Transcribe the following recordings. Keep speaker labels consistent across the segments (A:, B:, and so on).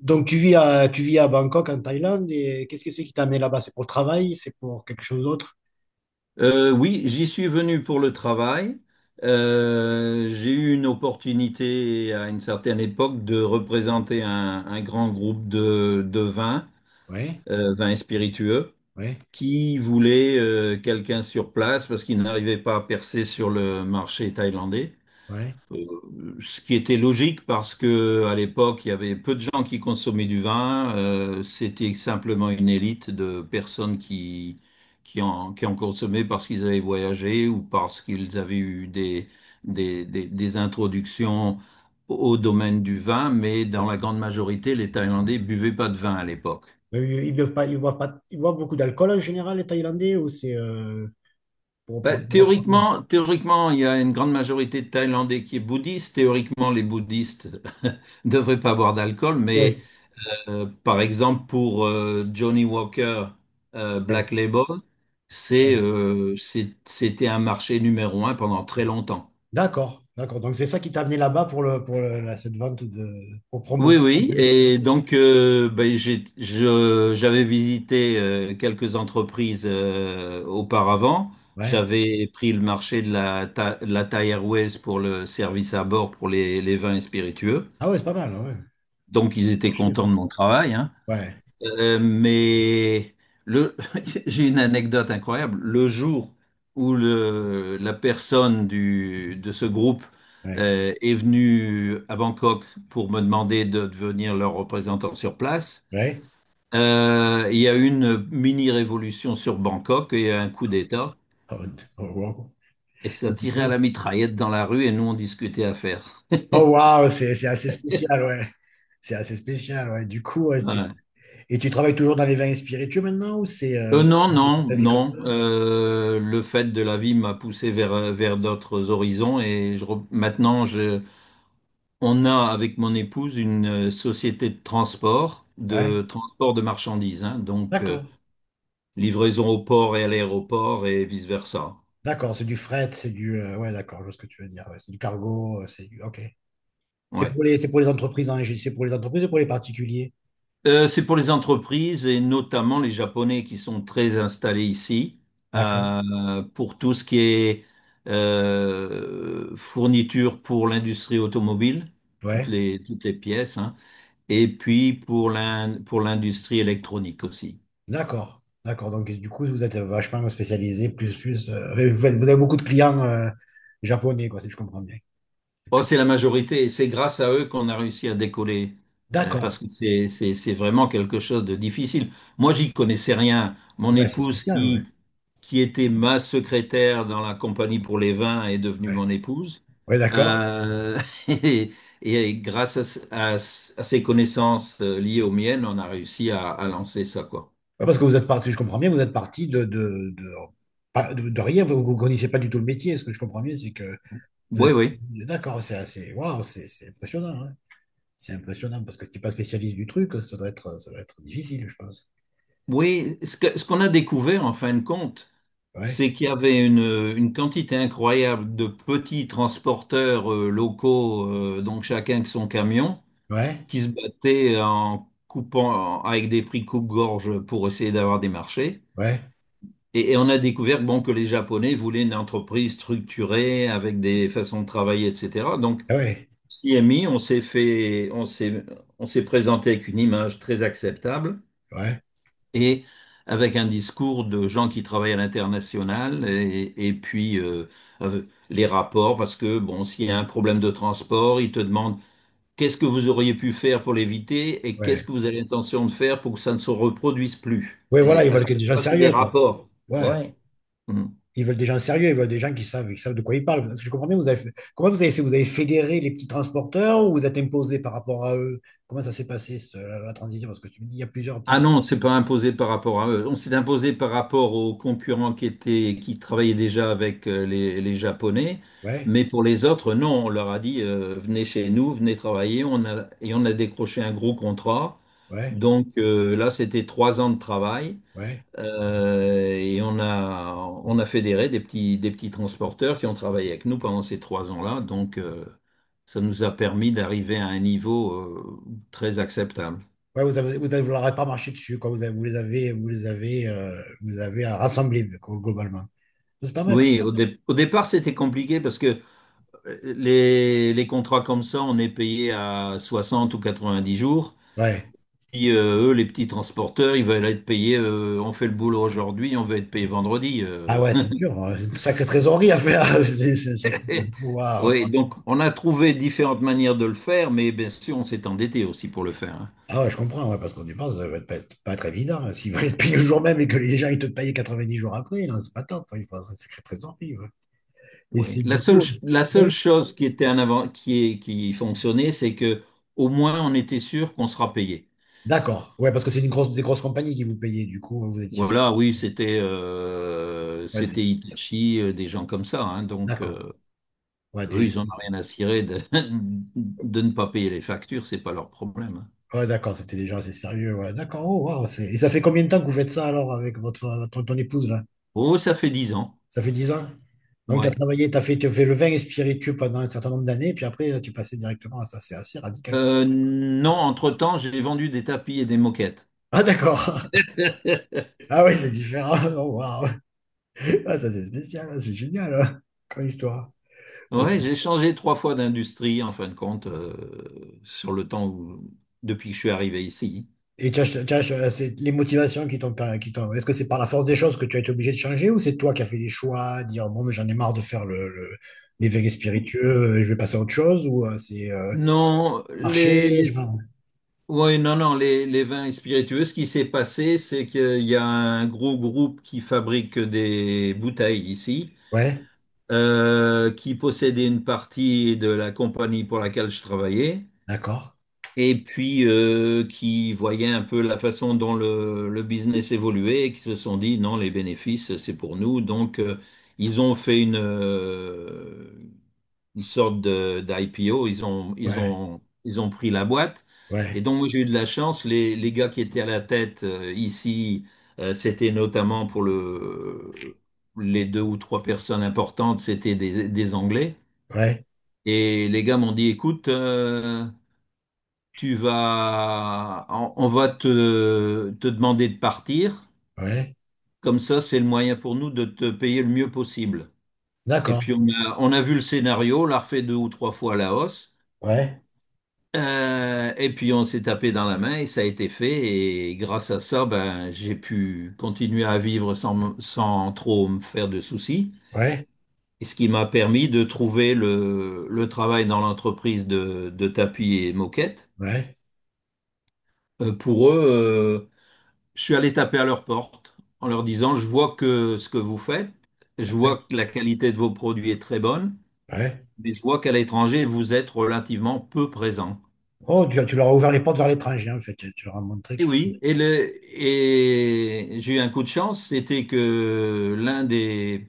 A: Donc, tu vis à Bangkok, en Thaïlande, et qu'est-ce que c'est qui t'a amené là-bas? C'est pour le travail? C'est pour quelque chose d'autre?
B: Oui, j'y suis venu pour le travail. J'ai eu une opportunité à une certaine époque de représenter un grand groupe de vins,
A: Ouais,
B: vins et spiritueux,
A: ouais,
B: qui voulait quelqu'un sur place parce qu'il n'arrivait pas à percer sur le marché thaïlandais.
A: ouais.
B: Ce qui était logique parce que à l'époque, il y avait peu de gens qui consommaient du vin. C'était simplement une élite de personnes qui en consommaient parce qu'ils avaient voyagé ou parce qu'ils avaient eu des introductions au domaine du vin. Mais dans la grande majorité, les Thaïlandais buvaient pas de vin à l'époque.
A: Mais ils boivent pas, ils boivent pas, ils boivent beaucoup d'alcool en général, les Thaïlandais, ou c'est pour,
B: Bah,
A: pour, pour-
B: théoriquement, théoriquement, il y a une grande majorité de Thaïlandais qui est bouddhiste. Théoriquement, les bouddhistes ne devraient pas boire d'alcool, mais
A: Ouais,
B: Par exemple, pour Johnny Walker
A: ouais,
B: Black Label,
A: ouais.
B: c'était un marché numéro un pendant très longtemps.
A: D'accord, d'accord. Donc, c'est ça qui t'a amené là-bas cette vente de, pour promouvoir.
B: Oui, oui, et donc ben, j'avais visité quelques entreprises auparavant.
A: Ouais.
B: J'avais pris le marché de la Thai Airways pour le service à bord pour les vins et spiritueux.
A: Ah ouais, c'est pas mal, ouais.
B: Donc ils étaient
A: Marché.
B: contents de mon travail, hein.
A: Ouais,
B: Mais le, j'ai une anecdote incroyable. Le jour où la personne de ce groupe
A: ouais, ouais.
B: est venue à Bangkok pour me demander de devenir leur représentant sur place,
A: Ouais.
B: il y a eu une mini-révolution sur Bangkok et il y a eu un coup d'État.
A: Oh, oh, wow.
B: Et ça
A: Et du
B: tirait à
A: coup,
B: la mitraillette dans la rue et nous on discutait affaires.
A: oh waouh, c'est assez spécial, ouais. C'est assez spécial, ouais. Du coup, ouais, et tu travailles toujours dans les vins et spiritueux maintenant ou c'est
B: Non, non,
A: la vie comme ça?
B: non. Le fait de la vie m'a poussé vers d'autres horizons et maintenant, on a avec mon épouse une société de transport,
A: Ouais.
B: de transport de marchandises, hein. Donc
A: D'accord.
B: livraison au port et à l'aéroport et vice-versa.
A: D'accord, c'est du fret, c'est du ouais, d'accord, je vois ce que tu veux dire. Ouais, c'est du cargo, c'est du OK.
B: Ouais.
A: C'est pour les entreprises en Égypte, c'est pour les entreprises et pour les particuliers.
B: C'est pour les entreprises et notamment les Japonais qui sont très installés ici
A: D'accord.
B: pour tout ce qui est fourniture pour l'industrie automobile,
A: Ouais.
B: toutes les pièces, hein, et puis pour l'industrie électronique aussi.
A: D'accord. D'accord. Donc du coup, vous êtes vachement spécialisé, plus vous avez beaucoup de clients japonais quoi, si je comprends bien. Et
B: Oh,
A: puis-
B: c'est la majorité et c'est grâce à eux qu'on a réussi à décoller
A: D'accord.
B: parce que c'est vraiment quelque chose de difficile. Moi, j'y connaissais rien. Mon
A: Ouais, c'est
B: épouse,
A: spécial, ouais.
B: qui était ma secrétaire dans la compagnie pour les vins, est devenue
A: Ouais,
B: mon épouse.
A: ouais, d'accord.
B: Euh, et, et grâce à ses connaissances liées aux miennes, on a réussi à lancer ça, quoi.
A: Ouais, parce que vous êtes parti, si je comprends bien, vous êtes parti de, pas- de rien, vous ne connaissez pas du tout le métier. Ce que je comprends bien, c'est que vous
B: Oui,
A: êtes.
B: oui.
A: D'accord, c'est assez. Waouh, c'est impressionnant, hein. C'est impressionnant parce que si tu n'es pas spécialiste du truc, ça doit être difficile, je pense.
B: Oui, ce qu'on a découvert en fin de compte,
A: Ouais,
B: c'est qu'il y avait une quantité incroyable de petits transporteurs locaux, donc chacun avec son camion,
A: ouais,
B: qui se battaient avec des prix coupe-gorge pour essayer d'avoir des marchés.
A: ouais,
B: Et on a découvert bon, que les Japonais voulaient une entreprise structurée avec des façons de travailler, etc. Donc,
A: ah ouais,
B: CMI, on s'est fait, on s'est présenté avec une image très acceptable
A: ouais,
B: et avec un discours de gens qui travaillent à l'international et puis les rapports parce que bon, s'il y a un problème de transport, ils te demandent qu'est-ce que vous auriez pu faire pour l'éviter et qu'est-ce
A: ouais.
B: que vous avez l'intention de faire pour que ça ne se reproduise plus.
A: Ouais, voilà,
B: Et
A: ils
B: à
A: veulent que des
B: chaque
A: gens
B: fois, c'est des
A: sérieux, quoi.
B: rapports.
A: Ouais.
B: Ouais. Mm.
A: Ils veulent des gens sérieux, ils veulent des gens qui savent de quoi ils parlent. Parce que je comprends bien, comment vous avez fait? Vous avez fédéré les petits transporteurs ou vous êtes imposé par rapport à eux? Comment ça s'est passé, la transition? Parce que tu me dis, il y a plusieurs petits.
B: Ah non, c'est pas imposé par rapport à eux. On s'est imposé par rapport aux concurrents qui travaillaient déjà avec les Japonais.
A: Ouais,
B: Mais pour les autres, non, on leur a dit, venez chez nous, venez travailler. Et on a décroché un gros contrat.
A: ouais,
B: Donc là, c'était 3 ans de travail.
A: ouais.
B: Et on a fédéré des petits transporteurs qui ont travaillé avec nous pendant ces 3 ans-là. Donc ça nous a permis d'arriver à un niveau très acceptable.
A: Ouais, vous leur avez pas marché dessus, quoi. Vous les avez rassemblés, quoi, globalement. C'est pas mal,
B: Oui, au départ, c'était compliqué parce que les contrats comme ça, on est payé à 60 ou 90 jours.
A: quoi. Ouais.
B: Puis eux, les petits transporteurs, ils veulent être payés, on fait le boulot aujourd'hui, on veut être payé vendredi.
A: Ah ouais, c'est dur, hein. C'est une sacrée trésorerie à faire. C'est un sacré- Waouh.
B: Oui, donc on a trouvé différentes manières de le faire, mais bien sûr, on s'est endetté aussi pour le faire, hein.
A: Ah ouais, je comprends, ouais, parce qu'on y pense, ça va être pas, c'est pas être évident, hein. S'ils veulent te payer le jour même et que les gens ils te payent 90 jours après, non, c'est pas top, hein. Il faut un sacré trésorerie, ouais. Et
B: Oui.
A: c'est du coup.
B: La seule
A: Oui.
B: chose qui était un avant, qui fonctionnait, c'est que au moins on était sûr qu'on sera payé.
A: D'accord. Ouais, parce que c'est des grosses compagnies qui vous payaient, du coup, hein, vous étiez.
B: Voilà, oui, c'était
A: Ouais,
B: Hitachi, des gens comme ça, hein. Donc,
A: d'accord. Ouais, des.
B: eux, ils n'en ont rien à cirer de ne pas payer les factures, c'est pas leur problème, hein.
A: Ouais, d'accord, c'était déjà assez sérieux. Ouais, d'accord. Oh, waouh, c'est... Et ça fait combien de temps que vous faites ça alors avec ton épouse là?
B: Oh, ça fait 10 ans.
A: Ça fait 10 ans? Donc, tu as
B: Ouais.
A: travaillé, tu as fait, t'as fait le vin et spiritueux pendant un certain nombre d'années, puis après, tu passais directement à ça. C'est assez radical, quoi.
B: Non,
A: Non.
B: entre-temps, j'ai vendu des tapis et des moquettes.
A: Ah, d'accord. Ah, oui, c'est différent. Oh, waouh. Ah, ça, c'est spécial. C'est génial, hein, comme histoire.
B: Ouais, j'ai changé trois fois d'industrie, en fin de compte, sur le temps où, depuis que je suis arrivé ici.
A: Et c'est les motivations qui t'ont, per- qui t'ont- est-ce que c'est par la force des choses que tu as été obligé de changer ou c'est toi qui as fait des choix, dire bon, mais j'en ai marre de faire les vegan spiritueux, je vais passer à autre chose ou c'est
B: Non,
A: marcher,
B: les
A: je m'en-
B: Oui, non, non, les vins et spiritueux, ce qui s'est passé, c'est qu'il y a un gros groupe qui fabrique des bouteilles ici,
A: Ouais,
B: qui possédait une partie de la compagnie pour laquelle je travaillais,
A: d'accord.
B: et puis qui voyait un peu la façon dont le business évoluait, et qui se sont dit, non, les bénéfices, c'est pour nous. Donc, ils ont fait une sorte de d'IPO.
A: Ouais,
B: Ils ont pris la boîte. Et
A: ouais,
B: donc, moi, j'ai eu de la chance. Les gars qui étaient à la tête ici, c'était notamment les deux ou trois personnes importantes, c'était des Anglais.
A: ouais,
B: Et les gars m'ont dit, écoute, on va te demander de partir.
A: ouais,
B: Comme ça, c'est le moyen pour nous de te payer le mieux possible. Et
A: d'accord.
B: puis on a vu le scénario, on l'a refait deux ou trois fois à la hausse.
A: Ouais,
B: Et puis on s'est tapé dans la main et ça a été fait. Et grâce à ça, ben, j'ai pu continuer à vivre sans trop me faire de soucis.
A: ouais,
B: Et ce qui m'a permis de trouver le travail dans l'entreprise de tapis et moquettes.
A: ouais,
B: Pour eux, je suis allé taper à leur porte en leur disant, je vois que ce que vous faites, je
A: ouais,
B: vois que la qualité de vos produits est très bonne,
A: ouais.
B: mais je vois qu'à l'étranger, vous êtes relativement peu présent.
A: Oh, tu leur as ouvert les portes vers l'étranger, hein, en fait. Tu leur as montré
B: Et
A: qu'il faut.
B: oui, et j'ai eu un coup de chance, c'était que l'un des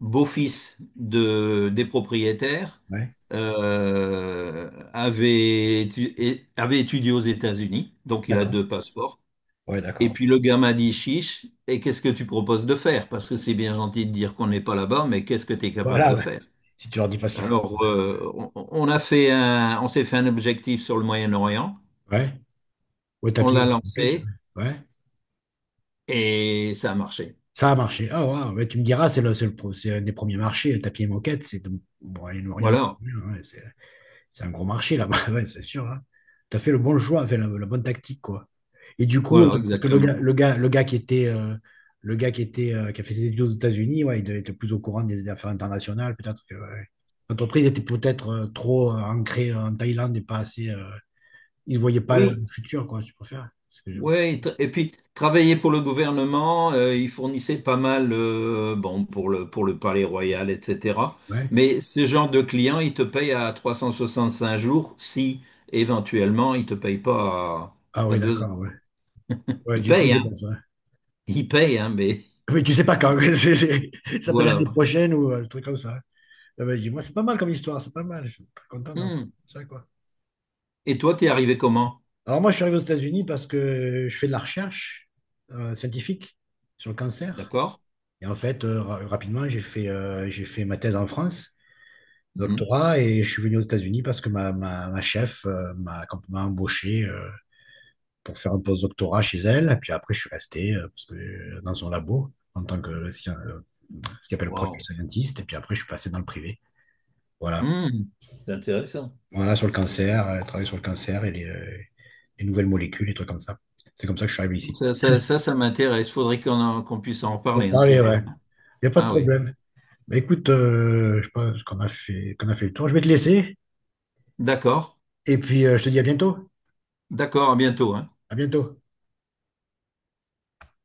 B: beaux-fils des propriétaires
A: Ouais,
B: avait étudié aux États-Unis, donc il a
A: d'accord.
B: deux passeports.
A: Ouais,
B: Et
A: d'accord.
B: puis le gars m'a dit, chiche, et qu'est-ce que tu proposes de faire? Parce que c'est bien gentil de dire qu'on n'est pas là-bas, mais qu'est-ce que tu es capable
A: Voilà,
B: de
A: ouais.
B: faire?
A: Si tu leur dis pas ce qu'il faut.
B: Alors, on s'est fait un objectif sur le Moyen-Orient,
A: Ouais, au
B: on l'a
A: tapis.
B: lancé
A: Ouais.
B: et ça a marché.
A: Ça a marché. Ah, waouh. Mais tu me diras, c'est un des premiers marchés. Tapis et moquette, c'est bon, et l'Orient,
B: Voilà.
A: ouais, c'est un gros marché là-bas, ouais, c'est sûr, hein. T'as fait le bon choix, fait la bonne tactique, quoi. Et du coup,
B: Voilà,
A: parce que le gars,
B: exactement.
A: le gars, le gars qui était, le gars qui était, qui a fait ses études aux États-Unis, ouais, il devait être plus au courant des affaires internationales, peut-être que ouais. L'entreprise était peut-être trop ancrée en Thaïlande et pas assez. Il ne voyait pas le
B: Oui,
A: futur, quoi, tu préfères. C'est ce que je-
B: ouais, et puis travailler pour le gouvernement, il fournissait pas mal, bon, pour le Palais Royal, etc.
A: Ouais.
B: Mais ce genre de client, il te paye à 365 jours si éventuellement il te paye pas
A: Ah
B: à
A: oui,
B: deux
A: d'accord,
B: ans.
A: ouais. Ouais,
B: Il
A: du coup,
B: paye, hein?
A: c'est pas ça.
B: Il paye, hein, mais
A: Oui, tu sais pas quand. c'est- c'est- ça peut être
B: voilà.
A: l'année prochaine ou un truc comme ça. Ah, vas-y, moi, c'est pas mal comme histoire, c'est pas mal. Je suis très content d'avoir
B: Hmm.
A: fait ça, quoi.
B: Et toi, t'es arrivé comment?
A: Alors, moi, je suis arrivé aux États-Unis parce que je fais de la recherche scientifique sur le cancer.
B: D'accord?
A: Et en fait, rapidement, j'ai fait ma thèse en France,
B: Hmm.
A: doctorat, et je suis venu aux États-Unis parce que ma chef m'a embauché. Pour faire un post-doctorat chez elle. Et puis après, je suis resté dans son labo en tant que ce qu'il appelle project
B: Wow.
A: scientist. Et puis après, je suis passé dans le privé. Voilà.
B: Hmm. C'est intéressant.
A: Voilà, sur le cancer, travailler sur le cancer et les nouvelles molécules, les trucs comme ça. C'est comme ça que je suis arrivé ici.
B: Ça m'intéresse. Faudrait qu'on puisse en
A: Bon,
B: reparler un de
A: allez,
B: ces jours,
A: ouais.
B: hein.
A: Il n'y a pas de
B: Ah oui.
A: problème. Bah, écoute, je pense qu'on a fait, le tour. Je vais te laisser.
B: D'accord,
A: Et puis, je te dis à bientôt.
B: d'accord, à bientôt, hein.
A: À bientôt.